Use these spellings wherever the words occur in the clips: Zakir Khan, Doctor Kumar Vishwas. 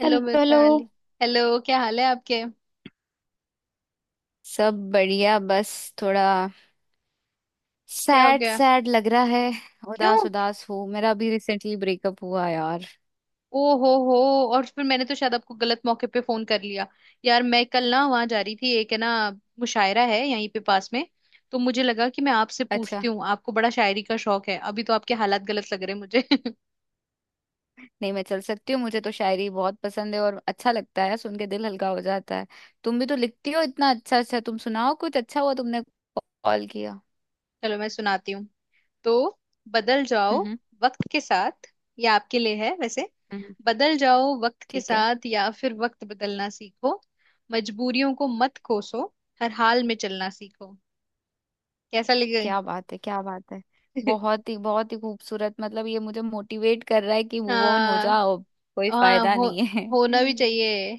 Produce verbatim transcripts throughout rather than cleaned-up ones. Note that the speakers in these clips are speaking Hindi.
Hello hello hello. Mitali. Hello. क्या हाल है आपके? सब बढ़िया। बस थोड़ा क्या हो सैड गया? सैड लग रहा है। क्यों? उदास उदास हूँ। मेरा अभी रिसेंटली ब्रेकअप हुआ यार। ओ हो हो। और फिर मैंने तो शायद आपको गलत मौके पे फोन कर लिया। यार मैं कल ना वहां जा रही थी, एक है ना, मुशायरा है यहीं पे पास में। तो मुझे लगा कि मैं आपसे अच्छा। पूछती हूँ, आपको बड़ा शायरी का शौक है। अभी तो आपके हालात गलत लग रहे हैं मुझे। नहीं, मैं चल सकती हूँ। मुझे तो शायरी बहुत पसंद है और अच्छा लगता है, सुन के दिल हल्का हो जाता है। तुम भी तो लिखती हो इतना अच्छा। अच्छा तुम सुनाओ कुछ। अच्छा हुआ तुमने कॉल किया। चलो मैं सुनाती हूँ। तो बदल जाओ हम्म। वक्त के साथ। ये आपके लिए है वैसे। हम्म। बदल जाओ वक्त के ठीक है। साथ या फिर वक्त बदलना सीखो। मजबूरियों को मत कोसो। हर हाल में चलना सीखो। कैसा लगे? क्या बात है, क्या बात है। बहुत ही बहुत ही खूबसूरत। मतलब ये मुझे मोटिवेट कर रहा है कि मूव ऑन हो हाँ जाओ। कोई हाँ, फायदा हो, नहीं है। होना भी चाहिए।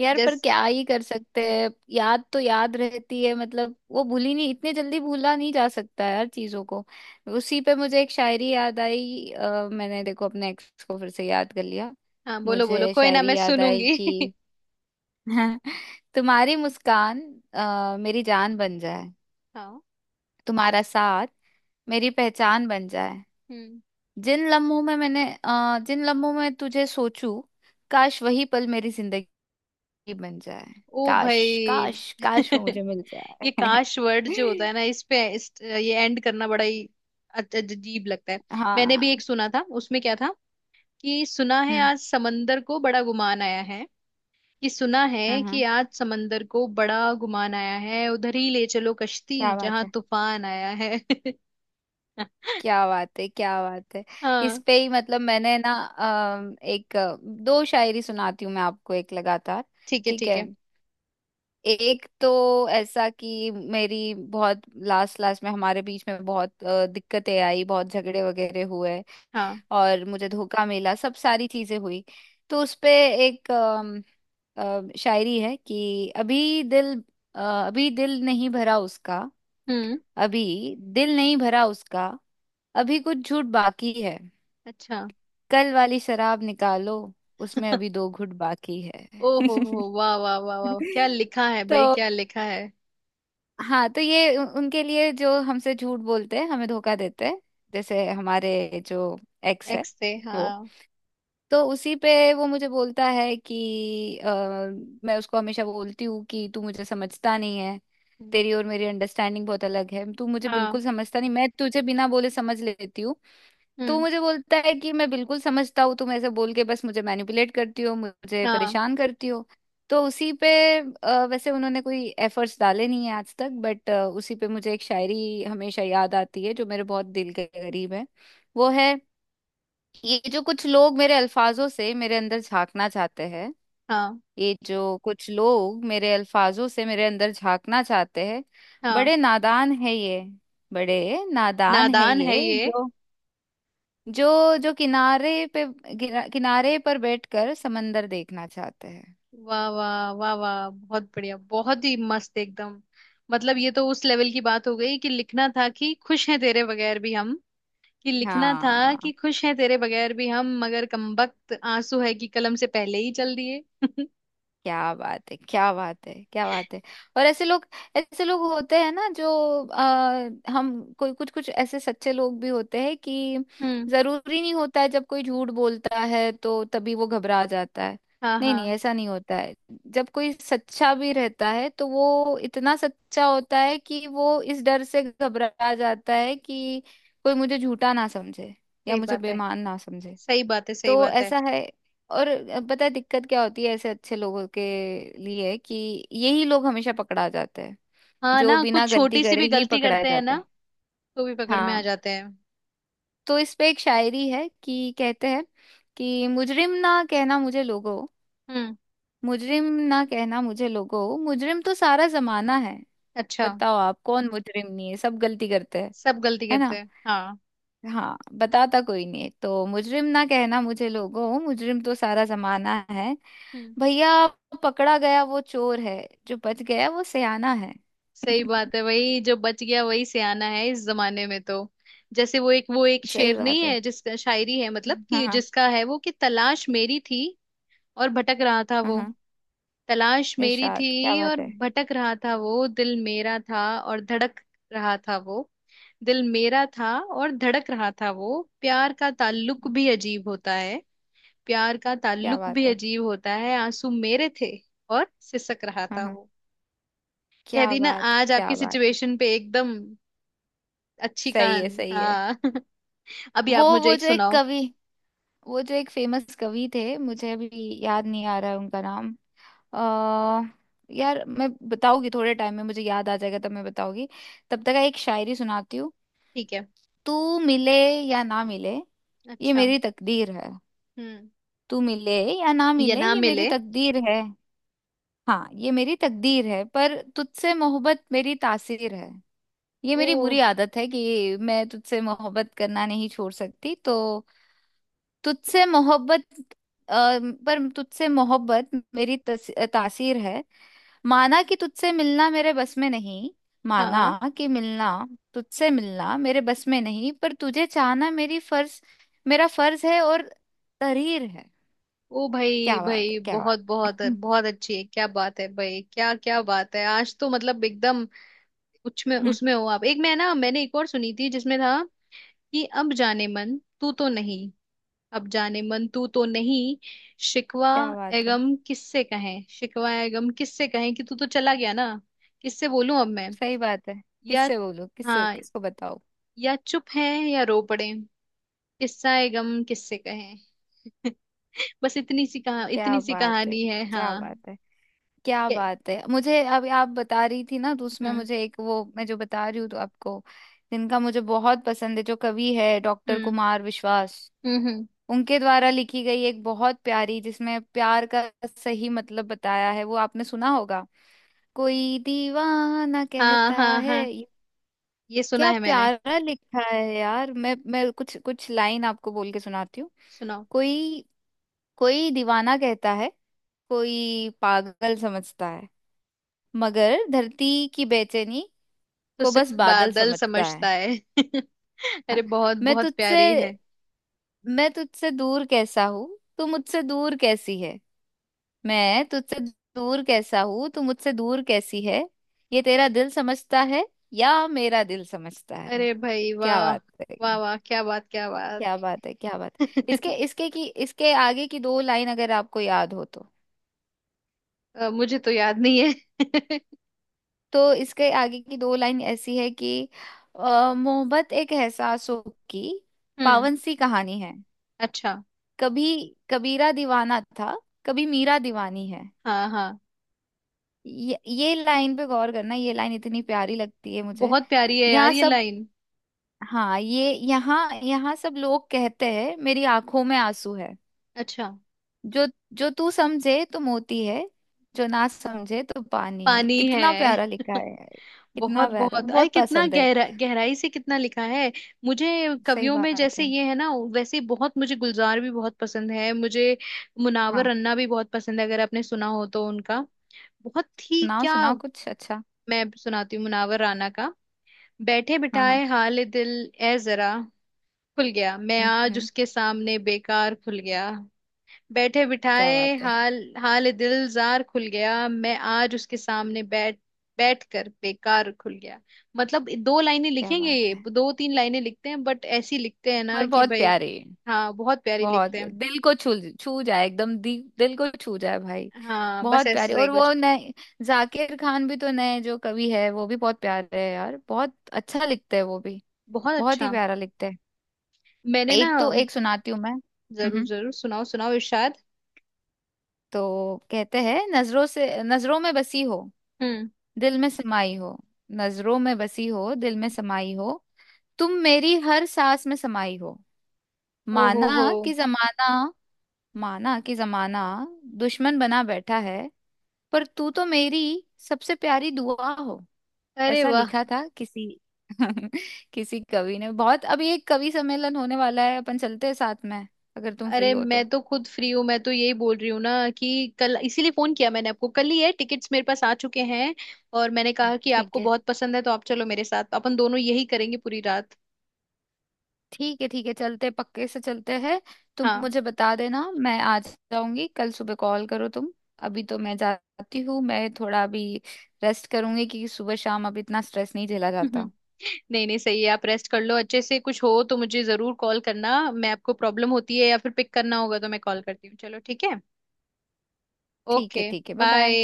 यार, पर जस क्या ही कर सकते हैं। याद तो याद रहती है। मतलब वो भूली नहीं, इतने जल्दी भूला नहीं जा सकता है यार चीजों को। उसी पे मुझे एक शायरी याद आई। अ, मैंने देखो अपने एक्स को फिर से याद कर लिया। हाँ, बोलो बोलो, मुझे कोई ना, शायरी मैं याद आई सुनूंगी। कि तुम्हारी मुस्कान अ, मेरी जान बन जाए, हाँ। तुम्हारा साथ मेरी पहचान बन जाए। हम्म। जिन लम्हों में मैंने अ, जिन लम्हों में तुझे सोचूं, काश वही पल मेरी जिंदगी ही बन जाए। ओ भाई। काश, काश काश वो मुझे मिल ये जाए। काश वर्ड जो होता है ना, इस पे इस, ये एंड करना बड़ा ही अज- अजीब लगता है। मैंने भी एक हाँ। सुना था, उसमें क्या था कि सुना है हम्म। आज समंदर को बड़ा गुमान आया है, कि सुना है हम्म। कि हम्म। आज समंदर को बड़ा गुमान आया है, उधर ही ले चलो कश्ती क्या बात जहां है, तूफान आया है। क्या बात है, क्या बात है। इस हाँ। पे ही मतलब मैंने ना अम, एक अ, दो शायरी सुनाती हूँ मैं आपको एक लगातार। ठीक है ठीक ठीक है। है। एक तो ऐसा कि मेरी बहुत लास्ट लास्ट में हमारे बीच में बहुत अ, दिक्कतें आई, बहुत झगड़े वगैरह हुए हाँ। और मुझे धोखा मिला, सब सारी चीजें हुई। तो उसपे एक अम, अ, शायरी है कि अभी दिल अ, अभी दिल नहीं भरा उसका, हम्म। अभी दिल नहीं भरा उसका, अभी कुछ झूठ बाकी है, अच्छा। कल वाली शराब निकालो, उसमें अभी दो घूंट बाकी है। ओ हो हो वाह वाह वाह वाह, क्या लिखा है तो भाई, क्या लिखा है। हाँ, तो ये उ- उनके लिए जो हमसे झूठ बोलते हैं, हमें धोखा देते हैं, जैसे हमारे जो एक्स है एक्स से, वो। हाँ। तो उसी पे वो मुझे बोलता है कि अ, मैं उसको हमेशा बोलती हूँ कि तू मुझे समझता नहीं है। हम्म, तेरी और मेरी अंडरस्टैंडिंग बहुत अलग है, तू मुझे हाँ। बिल्कुल समझता नहीं, मैं तुझे बिना बोले समझ लेती हूँ। तू हम्म। मुझे बोलता है कि मैं बिल्कुल समझता हूँ, तुम ऐसे बोल के बस मुझे मैनिपुलेट करती हो, मुझे हाँ परेशान करती हो। तो उसी पे अ, वैसे उन्होंने कोई एफर्ट्स डाले नहीं है आज तक, बट उसी पे मुझे एक शायरी हमेशा याद आती है जो मेरे बहुत दिल के करीब है। वो है, ये जो कुछ लोग मेरे अल्फाजों से मेरे अंदर झांकना चाहते हैं, हाँ। ये जो कुछ लोग मेरे अल्फाजों से मेरे अंदर झांकना चाहते हैं, हाँ, बड़े नादान है ये, बड़े नादान है नादान है ये ये। जो जो जो किनारे पे किना- किनारे पर बैठकर समंदर देखना चाहते हैं। वाह वाह वाह वाह, बहुत बढ़िया, बहुत ही मस्त एकदम। मतलब ये तो उस लेवल की बात हो गई कि लिखना था कि खुश हैं तेरे बगैर भी हम, कि लिखना था हाँ। कि खुश हैं तेरे बगैर भी हम मगर कमबख्त आंसू है कि कलम से पहले ही चल दिए। क्या बात है, क्या बात है, क्या बात है। और ऐसे लोग, ऐसे लोग होते हैं ना जो आ, हम कोई कुछ कुछ ऐसे सच्चे लोग भी होते हैं कि हम्म। जरूरी नहीं होता है जब कोई झूठ बोलता है तो तभी वो घबरा जाता है। हाँ नहीं नहीं, हाँ। ऐसा नहीं होता है। जब कोई सच्चा भी रहता है तो वो इतना सच्चा होता है कि वो इस डर से घबरा जाता है कि कोई मुझे झूठा ना समझे या सही मुझे बात है। बेईमान ना समझे। सही बात है, सही तो बात है। ऐसा है। और पता है दिक्कत क्या होती है ऐसे अच्छे लोगों के लिए कि यही लोग हमेशा पकड़ा जाते हैं, हाँ जो ना, कुछ बिना गलती छोटी सी करे भी ही गलती पकड़ाए करते हैं जाते ना हैं। तो भी पकड़ में आ हाँ। जाते हैं। तो इस पे एक शायरी है कि कहते हैं कि मुजरिम ना कहना मुझे लोगो, हम्म। मुजरिम ना कहना मुझे लोगो, मुजरिम तो सारा जमाना है। अच्छा। बताओ आप कौन मुजरिम नहीं है, सब गलती करते हैं। सब गलती है करते ना। हैं हाँ। हाँ बताता कोई नहीं। तो मुजरिम ना कहना मुझे लोगों, मुजरिम तो सारा जमाना है। हम्म। भैया पकड़ा गया वो चोर है, जो बच गया वो सयाना है। सही बात है, वही जो बच गया वही सियाना है इस जमाने में तो। जैसे वो एक, वो एक सही शेर नहीं बात है। है जिसका शायरी है, मतलब हाँ कि हाँ। जिसका है वो, कि तलाश मेरी थी और भटक रहा था हाँ वो, हाँ। तलाश मेरी इरशाद, क्या थी बात और है, भटक रहा था वो, दिल मेरा था और धड़क रहा था वो, दिल मेरा था और धड़क रहा था वो, प्यार का ताल्लुक भी अजीब होता है, प्यार का क्या ताल्लुक भी बात है। अजीब होता है, आंसू मेरे थे और सिसक रहा हाँ था। हाँ। कह क्या दी ना बात है, आज क्या आपकी बात है। सिचुएशन पे एकदम, अच्छी सही है, कहानी सही है। हाँ। अभी वो आप मुझे वो एक जो एक सुनाओ। कवि, वो जो एक फेमस कवि थे, मुझे अभी याद नहीं आ रहा है उनका नाम। आ, यार, मैं बताऊंगी थोड़े टाइम में, मुझे याद आ जाएगा तब मैं बताऊंगी। तब तक एक शायरी सुनाती हूँ। ठीक है। तू मिले या ना मिले ये अच्छा। मेरी तकदीर है। हम्म। तू मिले या ना ये मिले ना ये मेरी मिले। तकदीर है। हाँ, ये मेरी तकदीर है पर तुझसे मोहब्बत मेरी तासीर है। ये ओ। मेरी बुरी आदत है कि मैं तुझसे मोहब्बत करना नहीं छोड़ सकती, तो तुझसे मोहब्बत अ, पर तुझसे मोहब्बत मेरी तस, तासीर है। माना कि तुझसे मिलना मेरे बस में नहीं, माना हाँ। कि मिलना, तुझसे मिलना मेरे बस में नहीं, पर तुझे चाहना मेरी फर्ज, मेरा फर्ज है और तहरीर है। ओ भाई क्या बात है, भाई, क्या बहुत बात। बहुत हम्म। बहुत अच्छी है, क्या बात है भाई, क्या क्या बात है, आज तो मतलब एकदम। उसमें हम्म। उसमें हो आप एक, मैं ना मैंने एक और सुनी थी जिसमें था कि अब जाने मन तू तो नहीं, अब जाने मन तू तो नहीं, शिकवा क्या ए बात है। गम किससे कहें, शिकवा ए गम किससे कहें, कि तू तो चला गया ना, किससे बोलूं अब मैं सही बात है। या, किससे बोलूं, किससे, हाँ, किसको बताओ। या चुप है या रो पड़े, किस्सा ए गम किससे कहें। बस इतनी सी कहा क्या इतनी सी बात है, कहानी है क्या हाँ। बात है, क्या के- बात है। मुझे अभी आप बता रही थी ना, तो उसमें हम्म। मुझे एक, वो मैं जो बता रही हूँ तो आपको, जिनका मुझे बहुत पसंद है, जो कवि है, डॉक्टर हम्म। कुमार विश्वास। हम्म हम्म, उनके द्वारा लिखी गई एक बहुत प्यारी, जिसमें प्यार का सही मतलब बताया है, वो आपने सुना होगा, कोई दीवाना हाँ कहता हाँ है हाँ। ये। ये सुना क्या है मैंने। प्यारा लिखा है यार। मैं मैं कुछ कुछ लाइन आपको बोल के सुनाती हूँ। सुनाओ। कोई, कोई दीवाना कहता है, कोई पागल समझता है, मगर धरती की बेचैनी तो को बस सिर्फ बादल बादल समझता है। समझता है। अरे बहुत मैं बहुत तुझसे प्यारी है। मैं तुझसे दूर कैसा हूँ, तू मुझसे दूर कैसी है। मैं तुझसे दूर कैसा हूँ, तू मुझसे दूर कैसी है, ये तेरा दिल समझता है या मेरा दिल समझता है। अरे भाई क्या वाह, बात है, वाह वाह, क्या बात क्या क्या बात। बात है, क्या बात है। इसके इसके की इसके आगे की दो लाइन अगर आपको याद हो तो। अ, मुझे तो याद नहीं है। तो इसके आगे की दो लाइन ऐसी है कि अ, मोहब्बत एक एहसासों की हम्म। पावन सी कहानी है, अच्छा। कभी कबीरा दीवाना था, कभी मीरा दीवानी है। हाँ हाँ। ये ये लाइन पे गौर करना, ये लाइन इतनी प्यारी लगती है मुझे। बहुत प्यारी है यार यहाँ ये सब, लाइन। हाँ, ये यहाँ यहाँ सब लोग कहते हैं मेरी आंखों में आंसू है, अच्छा। जो जो तू समझे तो मोती है, जो ना समझे तो पानी है। पानी कितना है। प्यारा लिखा है। कितना बहुत प्यारा, बहुत, अरे बहुत कितना पसंद है। गहरा, गहराई से कितना लिखा है मुझे। सही कवियों में बात जैसे है। ये है ना, वैसे बहुत, मुझे गुलजार भी बहुत पसंद है, मुझे मुनावर हाँ। रन्ना भी बहुत पसंद है अगर आपने सुना हो तो उनका। बहुत ही सुनाओ क्या। सुनाओ कुछ अच्छा। मैं सुनाती हूँ मुनावर राना का। बैठे हाँ हाँ। बिठाए हाल दिल ए जरा खुल गया, मैं हम्म। आज हम्म। उसके सामने बेकार खुल गया। बैठे क्या बिठाए बात है, हाल, हाल दिलजार खुल गया, मैं आज उसके सामने बैठ बैठ कर बेकार खुल गया। मतलब दो लाइनें क्या लिखेंगे, बात ये है। दो तीन लाइनें लिखते हैं बट ऐसी लिखते हैं ना पर कि बहुत भाई। प्यारे, हाँ बहुत प्यारी बहुत। लिखते हैं। दिल को छू छू जाए एकदम, दी, दिल को छू जाए भाई। हाँ बस बहुत प्यारे। ऐसा ही और वो कुछ। नए जाकिर खान भी तो, नए जो कवि है वो भी बहुत प्यारे है यार, बहुत अच्छा लिखते हैं वो भी। बहुत बहुत ही अच्छा। प्यारा लिखते हैं। मैंने ना, एक तो एक सुनाती हूँ मैं। हम्म जरूर हम्म। जरूर सुनाओ सुनाओ इरशाद। तो कहते हैं, नजरों से, नजरों में बसी हो, हम्म। दिल में समाई हो, नजरों में बसी हो, दिल में समाई हो, तुम मेरी हर सांस में समाई हो, ओ हो हो। माना कि जमाना, माना कि जमाना दुश्मन बना बैठा है, पर तू तो मेरी सबसे प्यारी दुआ हो। अरे ऐसा वाह। लिखा था किसी, किसी कवि ने। बहुत, अभी एक कवि सम्मेलन होने वाला है, अपन चलते हैं साथ में, अगर तुम फ्री अरे हो तो। मैं तो खुद फ्री हूँ, मैं तो यही बोल रही हूँ ना कि कल इसीलिए फोन किया मैंने आपको, कल ही है, टिकट्स मेरे पास आ चुके हैं। और मैंने कहा कि ठीक आपको है, बहुत पसंद है तो आप चलो मेरे साथ, अपन दोनों यही करेंगे पूरी रात। ठीक है, ठीक है, चलते पक्के से चलते हैं। तुम हाँ। मुझे बता देना, मैं आ जाऊंगी। कल सुबह कॉल करो तुम। अभी तो मैं जाती हूँ, मैं थोड़ा अभी रेस्ट करूंगी क्योंकि सुबह शाम अब इतना स्ट्रेस नहीं झेला जाता। नहीं नहीं सही है, आप रेस्ट कर लो अच्छे से, कुछ हो तो मुझे जरूर कॉल करना, मैं आपको प्रॉब्लम होती है या फिर पिक करना होगा तो मैं कॉल करती हूँ, चलो ठीक है। ठीक है, ओके ठीक है, बाय बाय। बाय।